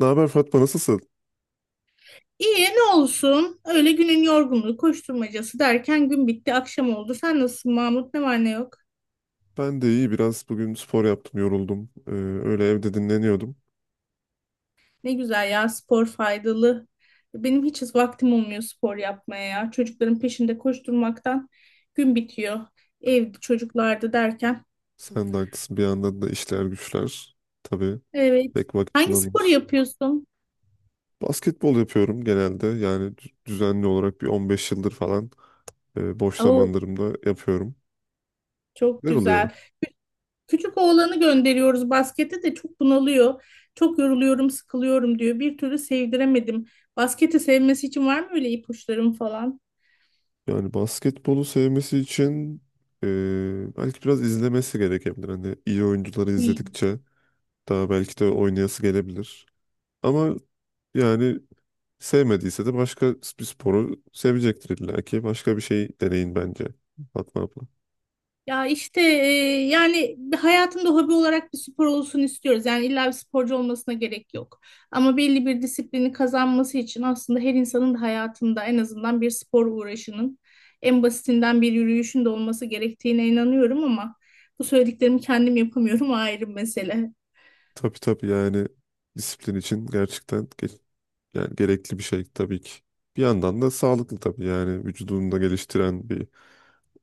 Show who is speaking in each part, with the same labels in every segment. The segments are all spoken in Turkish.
Speaker 1: Ne haber Fatma, nasılsın?
Speaker 2: İyi ne olsun. Öyle günün yorgunluğu, koşturmacası derken gün bitti, akşam oldu. Sen nasılsın Mahmut? Ne var ne yok?
Speaker 1: Ben de iyi, biraz bugün spor yaptım, yoruldum. Öyle evde dinleniyordum.
Speaker 2: Ne güzel ya, spor faydalı. Benim hiç vaktim olmuyor spor yapmaya ya. Çocukların peşinde koşturmaktan gün bitiyor. Evde çocuklarda derken.
Speaker 1: Sen de haklısın, bir yandan da işler güçler. Tabii
Speaker 2: Evet.
Speaker 1: pek vakit
Speaker 2: Hangi sporu
Speaker 1: bulamıyoruz.
Speaker 2: yapıyorsun?
Speaker 1: Basketbol yapıyorum genelde, yani düzenli olarak bir 15 yıldır falan boş
Speaker 2: Oo,
Speaker 1: zamanlarımda yapıyorum.
Speaker 2: çok
Speaker 1: Neler oluyor?
Speaker 2: güzel. Küçük oğlanı gönderiyoruz baskete de çok bunalıyor. Çok yoruluyorum, sıkılıyorum diyor. Bir türlü sevdiremedim. Basketi sevmesi için var mı öyle ipuçlarım falan?
Speaker 1: Yani basketbolu sevmesi için e, belki biraz izlemesi gerekebilir. Hani iyi oyuncuları
Speaker 2: Hmm.
Speaker 1: izledikçe daha belki de oynayası gelebilir. Ama yani sevmediyse de başka bir sporu sevecektir illa ki. Başka bir şey deneyin bence Fatma abla.
Speaker 2: Ya işte yani bir hayatında hobi olarak bir spor olsun istiyoruz. Yani illa bir sporcu olmasına gerek yok. Ama belli bir disiplini kazanması için aslında her insanın da hayatında en azından bir spor uğraşının en basitinden bir yürüyüşün de olması gerektiğine inanıyorum ama bu söylediklerimi kendim yapamıyorum, o ayrı mesele.
Speaker 1: Tabii tabii, yani disiplin için gerçekten yani gerekli bir şey tabii ki. Bir yandan da sağlıklı tabii, yani vücudunu da geliştiren bir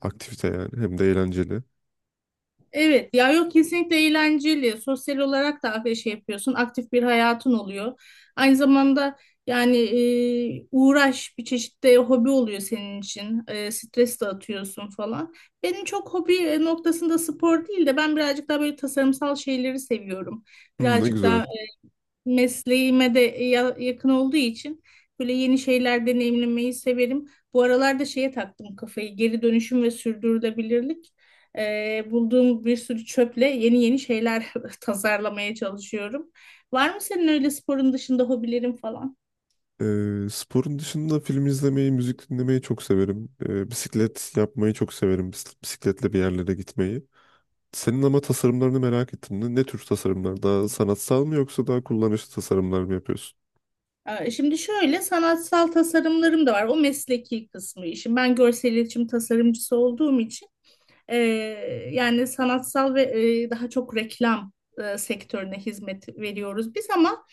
Speaker 1: aktivite, yani hem de eğlenceli.
Speaker 2: Evet ya, yok, kesinlikle eğlenceli. Sosyal olarak da bir şey yapıyorsun. Aktif bir hayatın oluyor. Aynı zamanda yani uğraş bir çeşit de hobi oluyor senin için. Stres de atıyorsun falan. Benim çok hobi noktasında spor değil de ben birazcık daha böyle tasarımsal şeyleri seviyorum.
Speaker 1: Hmm, ne
Speaker 2: Birazcık
Speaker 1: güzel.
Speaker 2: daha mesleğime de yakın olduğu için böyle yeni şeyler deneyimlemeyi severim. Bu aralarda şeye taktım kafayı, geri dönüşüm ve sürdürülebilirlik. Bulduğum bir sürü çöple yeni yeni şeyler tasarlamaya çalışıyorum. Var mı senin öyle sporun dışında hobilerin falan?
Speaker 1: Sporun dışında film izlemeyi, müzik dinlemeyi çok severim. Bisiklet yapmayı çok severim. Bisikletle bir yerlere gitmeyi. Senin ama tasarımlarını merak ettim. Ne, ne tür tasarımlar? Daha sanatsal mı yoksa daha kullanışlı tasarımlar mı yapıyorsun?
Speaker 2: Şimdi şöyle sanatsal tasarımlarım da var. O mesleki kısmı işim. Ben görsel iletişim tasarımcısı olduğum için E, yani sanatsal ve daha çok reklam sektörüne hizmet veriyoruz biz, ama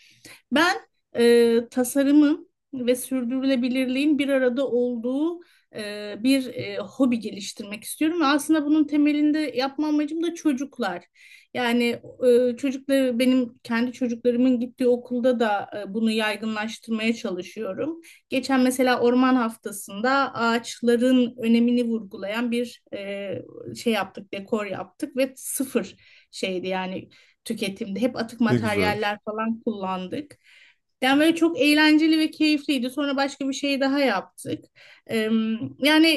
Speaker 2: ben tasarımın ve sürdürülebilirliğin bir arada olduğu bir hobi geliştirmek istiyorum. Ve aslında bunun temelinde yapma amacım da çocuklar. Yani çocukları, benim kendi çocuklarımın gittiği okulda da bunu yaygınlaştırmaya çalışıyorum. Geçen mesela Orman Haftası'nda ağaçların önemini vurgulayan bir şey yaptık, dekor yaptık ve sıfır şeydi yani tüketimde. Hep atık
Speaker 1: Ne güzel.
Speaker 2: materyaller falan kullandık. Yani böyle çok eğlenceli ve keyifliydi. Sonra başka bir şey daha yaptık. Eee, Yani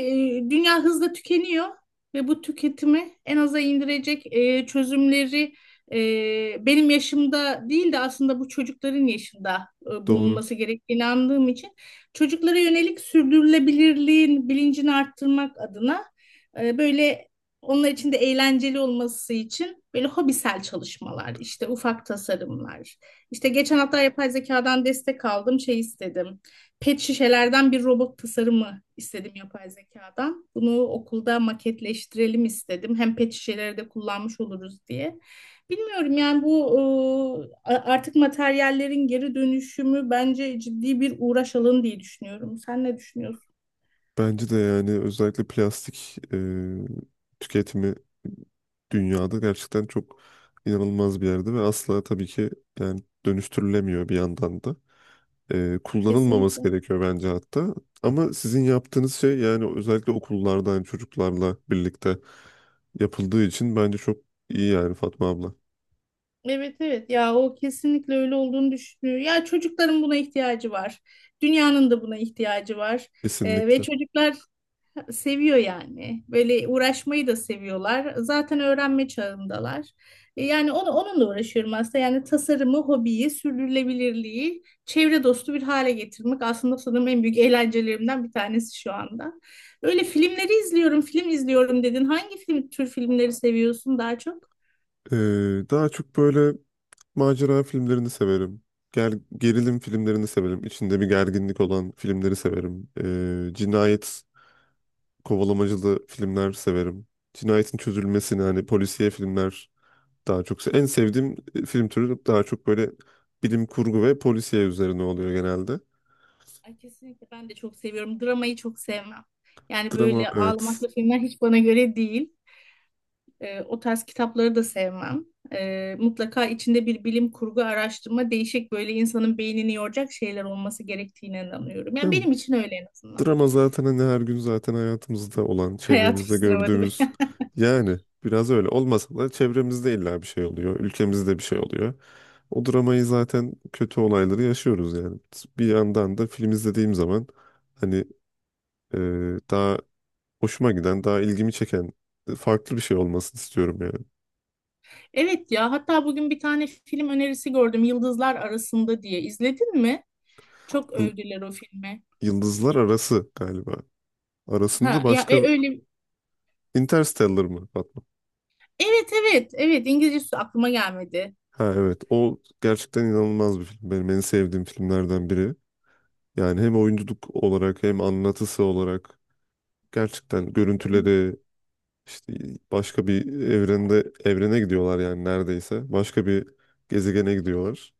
Speaker 2: dünya hızla tükeniyor ve bu tüketimi en aza indirecek çözümleri benim yaşımda değil de aslında bu çocukların yaşında
Speaker 1: Doğru.
Speaker 2: bulunması gerektiğine inandığım için çocuklara yönelik sürdürülebilirliğin bilincini arttırmak adına böyle, onlar için de eğlenceli olması için, böyle hobisel çalışmalar, işte ufak tasarımlar. İşte geçen hafta yapay zekadan destek aldım, şey istedim. Pet şişelerden bir robot tasarımı istedim yapay zekadan. Bunu okulda maketleştirelim istedim. Hem pet şişeleri de kullanmış oluruz diye. Bilmiyorum yani, bu artık materyallerin geri dönüşümü bence ciddi bir uğraş alanı diye düşünüyorum. Sen ne düşünüyorsun?
Speaker 1: Bence de, yani özellikle plastik tüketimi dünyada gerçekten çok inanılmaz bir yerde ve asla tabii ki yani dönüştürülemiyor bir yandan da. Kullanılmaması
Speaker 2: Kesinlikle.
Speaker 1: gerekiyor bence hatta. Ama sizin yaptığınız şey, yani özellikle okullarda, yani çocuklarla birlikte yapıldığı için bence çok iyi yani Fatma abla.
Speaker 2: Evet, evet, ya o kesinlikle öyle olduğunu düşünüyor. Ya çocukların buna ihtiyacı var. Dünyanın da buna ihtiyacı var. Ve
Speaker 1: Kesinlikle.
Speaker 2: çocuklar seviyor yani. Böyle uğraşmayı da seviyorlar. Zaten öğrenme çağındalar. Yani onunla uğraşıyorum aslında. Yani tasarımı, hobiyi, sürdürülebilirliği, çevre dostu bir hale getirmek aslında sanırım en büyük eğlencelerimden bir tanesi şu anda. Öyle filmleri izliyorum, film izliyorum dedin. Hangi film, tür filmleri seviyorsun daha çok?
Speaker 1: Daha çok böyle macera filmlerini severim. Gerilim filmlerini severim. İçinde bir gerginlik olan filmleri severim. Cinayet kovalamacılı filmler severim. Cinayetin çözülmesini, hani polisiye filmler daha çok en sevdiğim film türü daha çok böyle bilim kurgu ve polisiye üzerine oluyor genelde.
Speaker 2: Ay, kesinlikle ben de çok seviyorum. Dramayı çok sevmem. Yani
Speaker 1: Drama,
Speaker 2: böyle
Speaker 1: evet.
Speaker 2: ağlamaklı filmler hiç bana göre değil. O tarz kitapları da sevmem. Mutlaka içinde bir bilim kurgu araştırma, değişik, böyle insanın beynini yoracak şeyler olması gerektiğine inanıyorum. Yani
Speaker 1: Yani
Speaker 2: benim için öyle, en azından.
Speaker 1: drama zaten hani her gün zaten hayatımızda olan,
Speaker 2: Hayat bir
Speaker 1: çevremizde
Speaker 2: sınava değil mi?
Speaker 1: gördüğümüz, yani biraz öyle olmasa da çevremizde illa bir şey oluyor, ülkemizde bir şey oluyor. O dramayı zaten, kötü olayları yaşıyoruz yani. Bir yandan da film izlediğim zaman hani e, daha hoşuma giden, daha ilgimi çeken farklı bir şey olmasını istiyorum yani.
Speaker 2: Evet ya, hatta bugün bir tane film önerisi gördüm, Yıldızlar Arasında diye. İzledin mi? Çok
Speaker 1: Yıl-
Speaker 2: övdüler o filmi.
Speaker 1: Yıldızlar Arası galiba. Arasında
Speaker 2: Ha ya,
Speaker 1: başka.
Speaker 2: öyle.
Speaker 1: Interstellar mı Fatma?
Speaker 2: Evet, evet, evet, İngilizcesi aklıma gelmedi.
Speaker 1: Ha evet, o gerçekten inanılmaz bir film. Benim en sevdiğim filmlerden biri. Yani hem oyunculuk olarak hem anlatısı olarak gerçekten görüntüleri işte başka bir evrende gidiyorlar yani neredeyse. Başka bir gezegene gidiyorlar.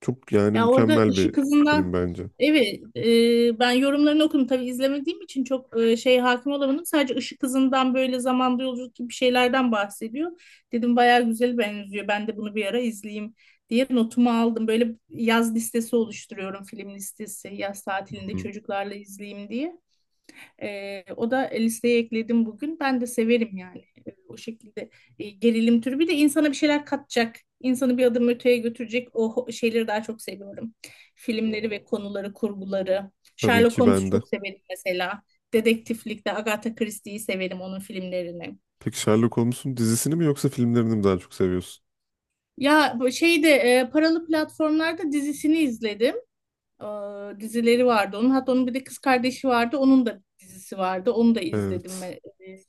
Speaker 1: Çok, yani
Speaker 2: Ya orada
Speaker 1: mükemmel
Speaker 2: Işık
Speaker 1: bir film
Speaker 2: Hızı'ndan,
Speaker 1: bence.
Speaker 2: evet, ben yorumlarını okudum, tabii izlemediğim için çok şey hakim olamadım. Sadece Işık Hızı'ndan böyle zamanda yolculuk gibi şeylerden bahsediyor. Dedim bayağı güzel benziyor. Ben de bunu bir ara izleyeyim diye notumu aldım. Böyle yaz listesi oluşturuyorum, film listesi. Yaz tatilinde
Speaker 1: Hı.
Speaker 2: çocuklarla izleyeyim diye. O da listeye ekledim bugün. Ben de severim yani. O şekilde gerilim türü. Bir de insana bir şeyler katacak, insanı bir adım öteye götürecek o şeyleri daha çok seviyorum. Filmleri ve konuları, kurguları.
Speaker 1: Tabii
Speaker 2: Sherlock
Speaker 1: ki,
Speaker 2: Holmes'u
Speaker 1: ben de.
Speaker 2: çok severim mesela. Dedektiflikte Agatha Christie'yi severim, onun filmlerini.
Speaker 1: Peki Sherlock Holmes'un dizisini mi yoksa filmlerini mi daha çok seviyorsun?
Speaker 2: Ya bu şeyde paralı platformlarda dizisini izledim. Dizileri vardı onun. Hatta onun bir de kız kardeşi vardı. Onun da dizisi vardı. Onu da izledim
Speaker 1: Evet.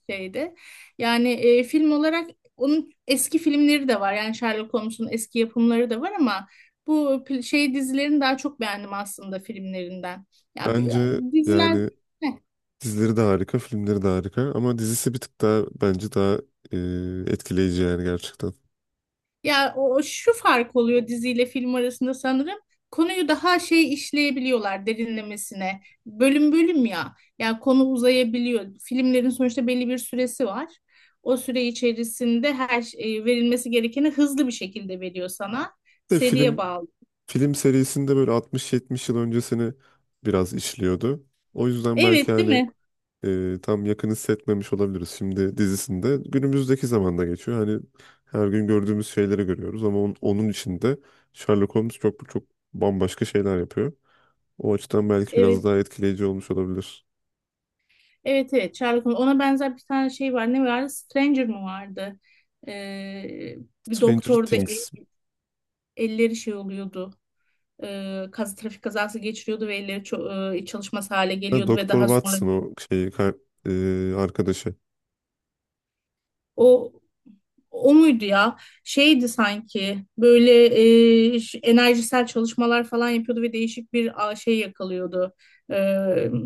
Speaker 2: şeyde. Yani film olarak onun eski filmleri de var. Yani Sherlock Holmes'un eski yapımları da var, ama bu şey dizilerini daha çok beğendim aslında filmlerinden. Ya
Speaker 1: Bence
Speaker 2: diziler.
Speaker 1: yani
Speaker 2: Heh.
Speaker 1: dizileri de harika, filmleri de harika ama dizisi bir tık daha bence daha etkileyici, yani gerçekten.
Speaker 2: Ya o o şu fark oluyor diziyle film arasında sanırım. Konuyu daha şey işleyebiliyorlar, derinlemesine. Bölüm bölüm ya. Yani konu uzayabiliyor. Filmlerin sonuçta belli bir süresi var. O süre içerisinde her şey, verilmesi gerekeni hızlı bir şekilde veriyor sana.
Speaker 1: Bir De
Speaker 2: Seriye
Speaker 1: film
Speaker 2: bağlı.
Speaker 1: Film serisinde böyle 60-70 yıl öncesini biraz işliyordu. O yüzden belki
Speaker 2: Evet, değil
Speaker 1: hani
Speaker 2: mi?
Speaker 1: tam yakın hissetmemiş olabiliriz. Şimdi dizisinde günümüzdeki zamanda geçiyor. Hani her gün gördüğümüz şeyleri görüyoruz ama onun içinde Sherlock Holmes çok çok bambaşka şeyler yapıyor. O açıdan belki biraz
Speaker 2: Evet.
Speaker 1: daha etkileyici olmuş olabilir.
Speaker 2: Evet, evet, Sherlock Holmes. Ona benzer bir tane şey var. Ne vardı? Stranger mı vardı? Ee, Bir
Speaker 1: Stranger
Speaker 2: doktorda
Speaker 1: Things.
Speaker 2: elleri şey oluyordu. E, kaz Trafik kazası geçiriyordu ve elleri çalışmaz hale
Speaker 1: Ha,
Speaker 2: geliyordu ve
Speaker 1: Doktor
Speaker 2: daha sonra
Speaker 1: Watson o şeyi arkadaşı.
Speaker 2: o o muydu ya? Şeydi sanki böyle, enerjisel çalışmalar falan yapıyordu ve değişik bir, şey yakalıyordu. E,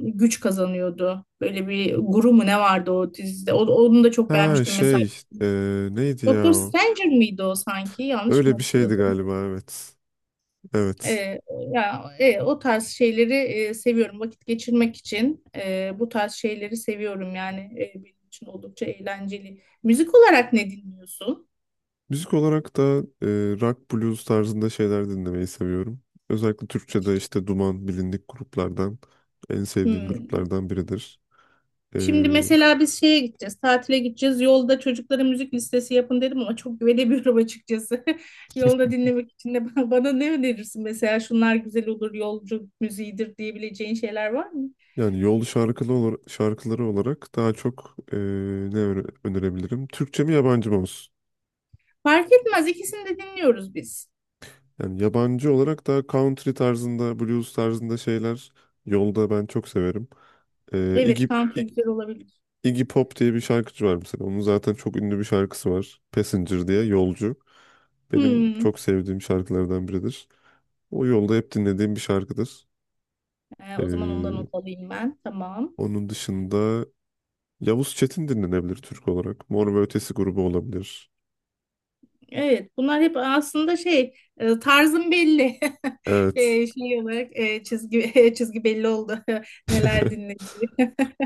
Speaker 2: Güç kazanıyordu. Böyle bir guru mu ne vardı o dizide? Onu da çok
Speaker 1: Ha
Speaker 2: beğenmiştim mesela.
Speaker 1: şey, e, neydi ya
Speaker 2: Doktor
Speaker 1: o?
Speaker 2: Stranger miydi o sanki? Yanlış mı
Speaker 1: Öyle bir şeydi
Speaker 2: hatırladım?
Speaker 1: galiba, evet. Evet.
Speaker 2: E, Ya, o tarz şeyleri seviyorum. Vakit geçirmek için bu tarz şeyleri seviyorum. Yani benim için oldukça eğlenceli. Müzik olarak ne dinliyorsun?
Speaker 1: Müzik olarak da e, rock blues tarzında şeyler dinlemeyi seviyorum. Özellikle Türkçe'de işte Duman, bilindik gruplardan en sevdiğim
Speaker 2: Hmm.
Speaker 1: gruplardan biridir. E,
Speaker 2: Şimdi mesela biz şeye gideceğiz, tatile gideceğiz. Yolda çocuklara müzik listesi yapın dedim ama çok güvenemiyorum açıkçası. Yolda dinlemek için de bana ne önerirsin? Mesela şunlar güzel olur, yolcu müziğidir diyebileceğin şeyler var mı?
Speaker 1: yani yol şarkılı olur, şarkıları olarak daha çok önerebilirim? Türkçe mi yabancı mı olsun?
Speaker 2: Fark etmez, ikisini de dinliyoruz biz.
Speaker 1: Yani yabancı olarak da country tarzında, blues tarzında şeyler yolda ben çok severim. E,
Speaker 2: Evet,
Speaker 1: Iggy,
Speaker 2: country güzel olabilir.
Speaker 1: Iggy Pop diye bir şarkıcı var mesela. Onun zaten çok ünlü bir şarkısı var, Passenger diye, yolcu. Benim
Speaker 2: Hmm.
Speaker 1: çok sevdiğim şarkılardan biridir. O yolda hep dinlediğim bir şarkıdır.
Speaker 2: O zaman ondan
Speaker 1: Ee,
Speaker 2: not alayım ben. Tamam.
Speaker 1: Onun dışında Yavuz Çetin dinlenebilir Türk olarak. Mor ve Ötesi grubu olabilir.
Speaker 2: Evet, bunlar hep aslında şey, tarzım belli.
Speaker 1: Evet.
Speaker 2: Şey olarak çizgi çizgi belli oldu neler dinlediği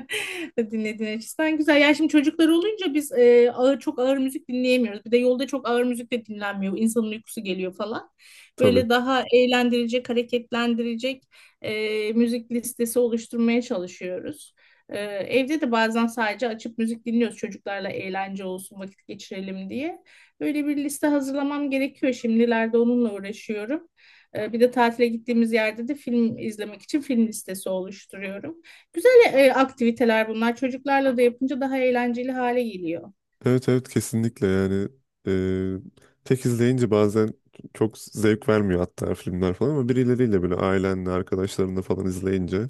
Speaker 2: dinlediğin açısından güzel. Ya şimdi çocuklar olunca biz ağır, çok ağır müzik dinleyemiyoruz. Bir de yolda çok ağır müzik de dinlenmiyor. İnsanın uykusu geliyor falan.
Speaker 1: Tabii.
Speaker 2: Böyle daha eğlendirecek, hareketlendirecek müzik listesi oluşturmaya çalışıyoruz. Evde de bazen sadece açıp müzik dinliyoruz çocuklarla, eğlence olsun, vakit geçirelim diye. Böyle bir liste hazırlamam gerekiyor, şimdilerde onunla uğraşıyorum. Bir de tatile gittiğimiz yerde de film izlemek için film listesi oluşturuyorum. Güzel aktiviteler bunlar. Çocuklarla da yapınca daha eğlenceli hale geliyor.
Speaker 1: Evet evet, kesinlikle yani eee, tek izleyince bazen çok zevk vermiyor hatta filmler falan, ama birileriyle böyle ailenle, arkadaşlarınla falan izleyince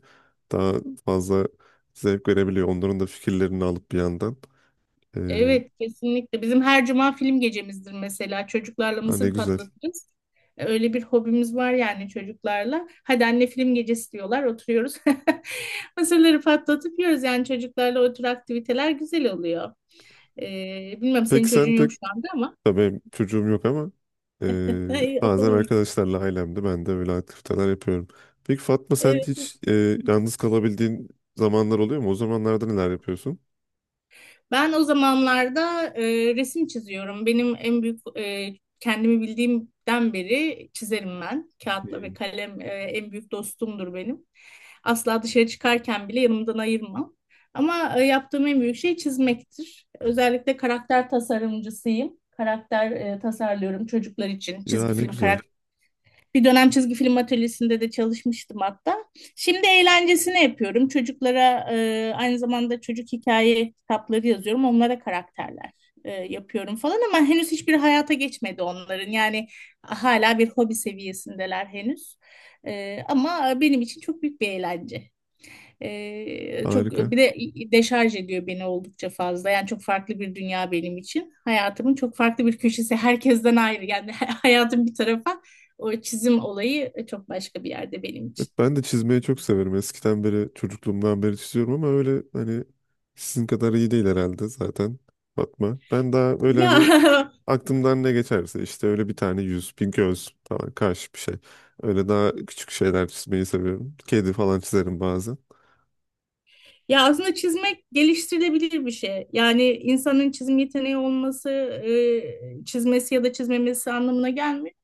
Speaker 1: daha fazla zevk verebiliyor. Onların da fikirlerini alıp bir yandan. Eee
Speaker 2: Evet, kesinlikle. Bizim her cuma film gecemizdir mesela. Çocuklarla
Speaker 1: ha, ne
Speaker 2: mısır
Speaker 1: güzel.
Speaker 2: patlatırız. Öyle bir hobimiz var yani çocuklarla. Hadi anne film gecesi diyorlar, oturuyoruz. Mısırları patlatıp yiyoruz yani, çocuklarla o tür aktiviteler güzel oluyor. Bilmem senin
Speaker 1: Peki
Speaker 2: çocuğun
Speaker 1: sen pek.
Speaker 2: yok şu anda ama.
Speaker 1: Tabii benim çocuğum yok, ama
Speaker 2: Ay,
Speaker 1: bazen
Speaker 2: olur mu?
Speaker 1: arkadaşlarla, ailemde ben de böyle aktiviteler yapıyorum. Peki Fatma, sen
Speaker 2: Evet.
Speaker 1: hiç yalnız kalabildiğin zamanlar oluyor mu? O zamanlarda neler yapıyorsun?
Speaker 2: Ben o zamanlarda resim çiziyorum. Benim en büyük kendimi bildiğimden beri çizerim ben. Kağıtla ve
Speaker 1: Hmm.
Speaker 2: kalem en büyük dostumdur benim. Asla dışarı çıkarken bile yanımdan ayırmam. Ama yaptığım en büyük şey çizmektir. Özellikle karakter tasarımcısıyım. Karakter tasarlıyorum çocuklar için.
Speaker 1: Ya
Speaker 2: Çizgi
Speaker 1: ne
Speaker 2: film.
Speaker 1: güzel.
Speaker 2: Bir dönem çizgi film atölyesinde de çalışmıştım hatta. Şimdi eğlencesini yapıyorum. Çocuklara aynı zamanda çocuk hikaye kitapları yazıyorum. Onlara karakterler yapıyorum falan, ama henüz hiçbir hayata geçmedi onların. Yani hala bir hobi seviyesindeler henüz. Ama benim için çok büyük bir eğlence. Çok
Speaker 1: Harika.
Speaker 2: bir de deşarj ediyor beni, oldukça fazla. Yani çok farklı bir dünya benim için. Hayatımın çok farklı bir köşesi. Herkesten ayrı. Yani hayatım bir tarafa. O çizim olayı çok başka bir yerde benim
Speaker 1: Evet,
Speaker 2: için.
Speaker 1: ben de çizmeyi çok severim. Eskiden beri, çocukluğumdan beri çiziyorum, ama öyle hani sizin kadar iyi değil herhalde zaten Fatma. Ben daha öyle
Speaker 2: Ya
Speaker 1: hani aklımdan ne geçerse, işte öyle bir tane yüz, bir göz falan, karşı bir şey. Öyle daha küçük şeyler çizmeyi seviyorum. Kedi falan çizerim bazen.
Speaker 2: ya aslında çizmek geliştirilebilir bir şey. Yani insanın çizim yeteneği olması, çizmesi ya da çizmemesi anlamına gelmiyor.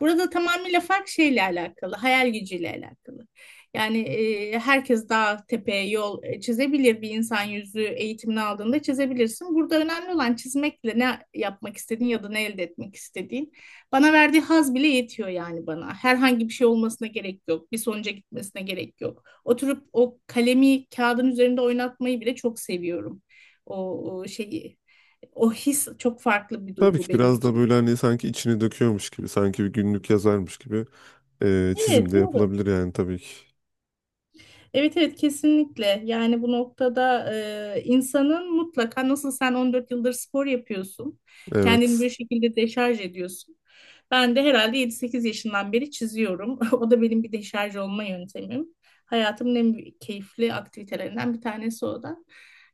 Speaker 2: Burada tamamıyla fark şeyle alakalı, hayal gücüyle alakalı. Yani herkes dağ, tepe, yol çizebilir. Bir insan yüzü eğitimini aldığında çizebilirsin. Burada önemli olan çizmekle ne yapmak istediğin ya da ne elde etmek istediğin. Bana verdiği haz bile yetiyor yani bana. Herhangi bir şey olmasına gerek yok. Bir sonuca gitmesine gerek yok. Oturup o kalemi kağıdın üzerinde oynatmayı bile çok seviyorum. O, o şeyi, o his çok farklı bir
Speaker 1: Tabii
Speaker 2: duygu
Speaker 1: ki
Speaker 2: benim
Speaker 1: biraz da
Speaker 2: için.
Speaker 1: böyle hani sanki içini döküyormuş gibi, sanki bir günlük yazarmış gibi çizim
Speaker 2: Evet,
Speaker 1: de
Speaker 2: doğru.
Speaker 1: yapılabilir yani, tabii ki.
Speaker 2: Evet, evet, kesinlikle. Yani bu noktada insanın mutlaka, nasıl sen 14 yıldır spor yapıyorsun, kendini bir
Speaker 1: Evet.
Speaker 2: şekilde deşarj ediyorsun. Ben de herhalde 7-8 yaşından beri çiziyorum. O da benim bir deşarj olma yöntemim. Hayatımın en büyük keyifli aktivitelerinden bir tanesi o da.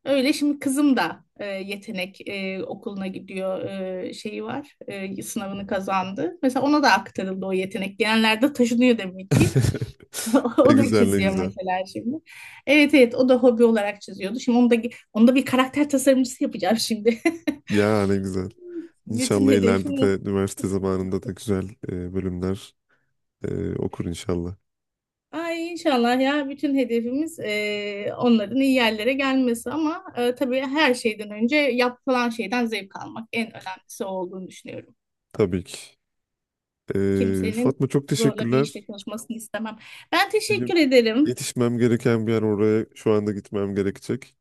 Speaker 2: Öyle şimdi kızım da yetenek okuluna gidiyor, şeyi var, sınavını kazandı. Mesela ona da aktarıldı o yetenek. Genellerde taşınıyor demek ki.
Speaker 1: Ne
Speaker 2: O da
Speaker 1: güzel, ne
Speaker 2: çiziyor
Speaker 1: güzel.
Speaker 2: mesela şimdi. Evet, evet, o da hobi olarak çiziyordu. Şimdi onu da bir karakter tasarımcısı yapacağım şimdi.
Speaker 1: Ya ne güzel.
Speaker 2: Bütün
Speaker 1: İnşallah ileride
Speaker 2: hedefim o.
Speaker 1: de üniversite zamanında da güzel bölümler okur inşallah.
Speaker 2: Ay inşallah ya, bütün hedefimiz onların iyi yerlere gelmesi ama tabii her şeyden önce yapılan şeyden zevk almak en önemlisi, o olduğunu düşünüyorum.
Speaker 1: Tabii ki.
Speaker 2: Kimsenin
Speaker 1: Fatma, çok
Speaker 2: zorla bir işte
Speaker 1: teşekkürler.
Speaker 2: çalışmasını istemem. Ben
Speaker 1: Benim
Speaker 2: teşekkür ederim.
Speaker 1: yetişmem gereken bir yer, oraya şu anda gitmem gerekecek.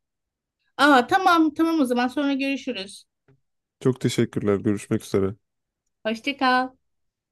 Speaker 2: Aa, tamam, tamam, o zaman sonra görüşürüz.
Speaker 1: Çok teşekkürler. Görüşmek üzere.
Speaker 2: Hoşça kal.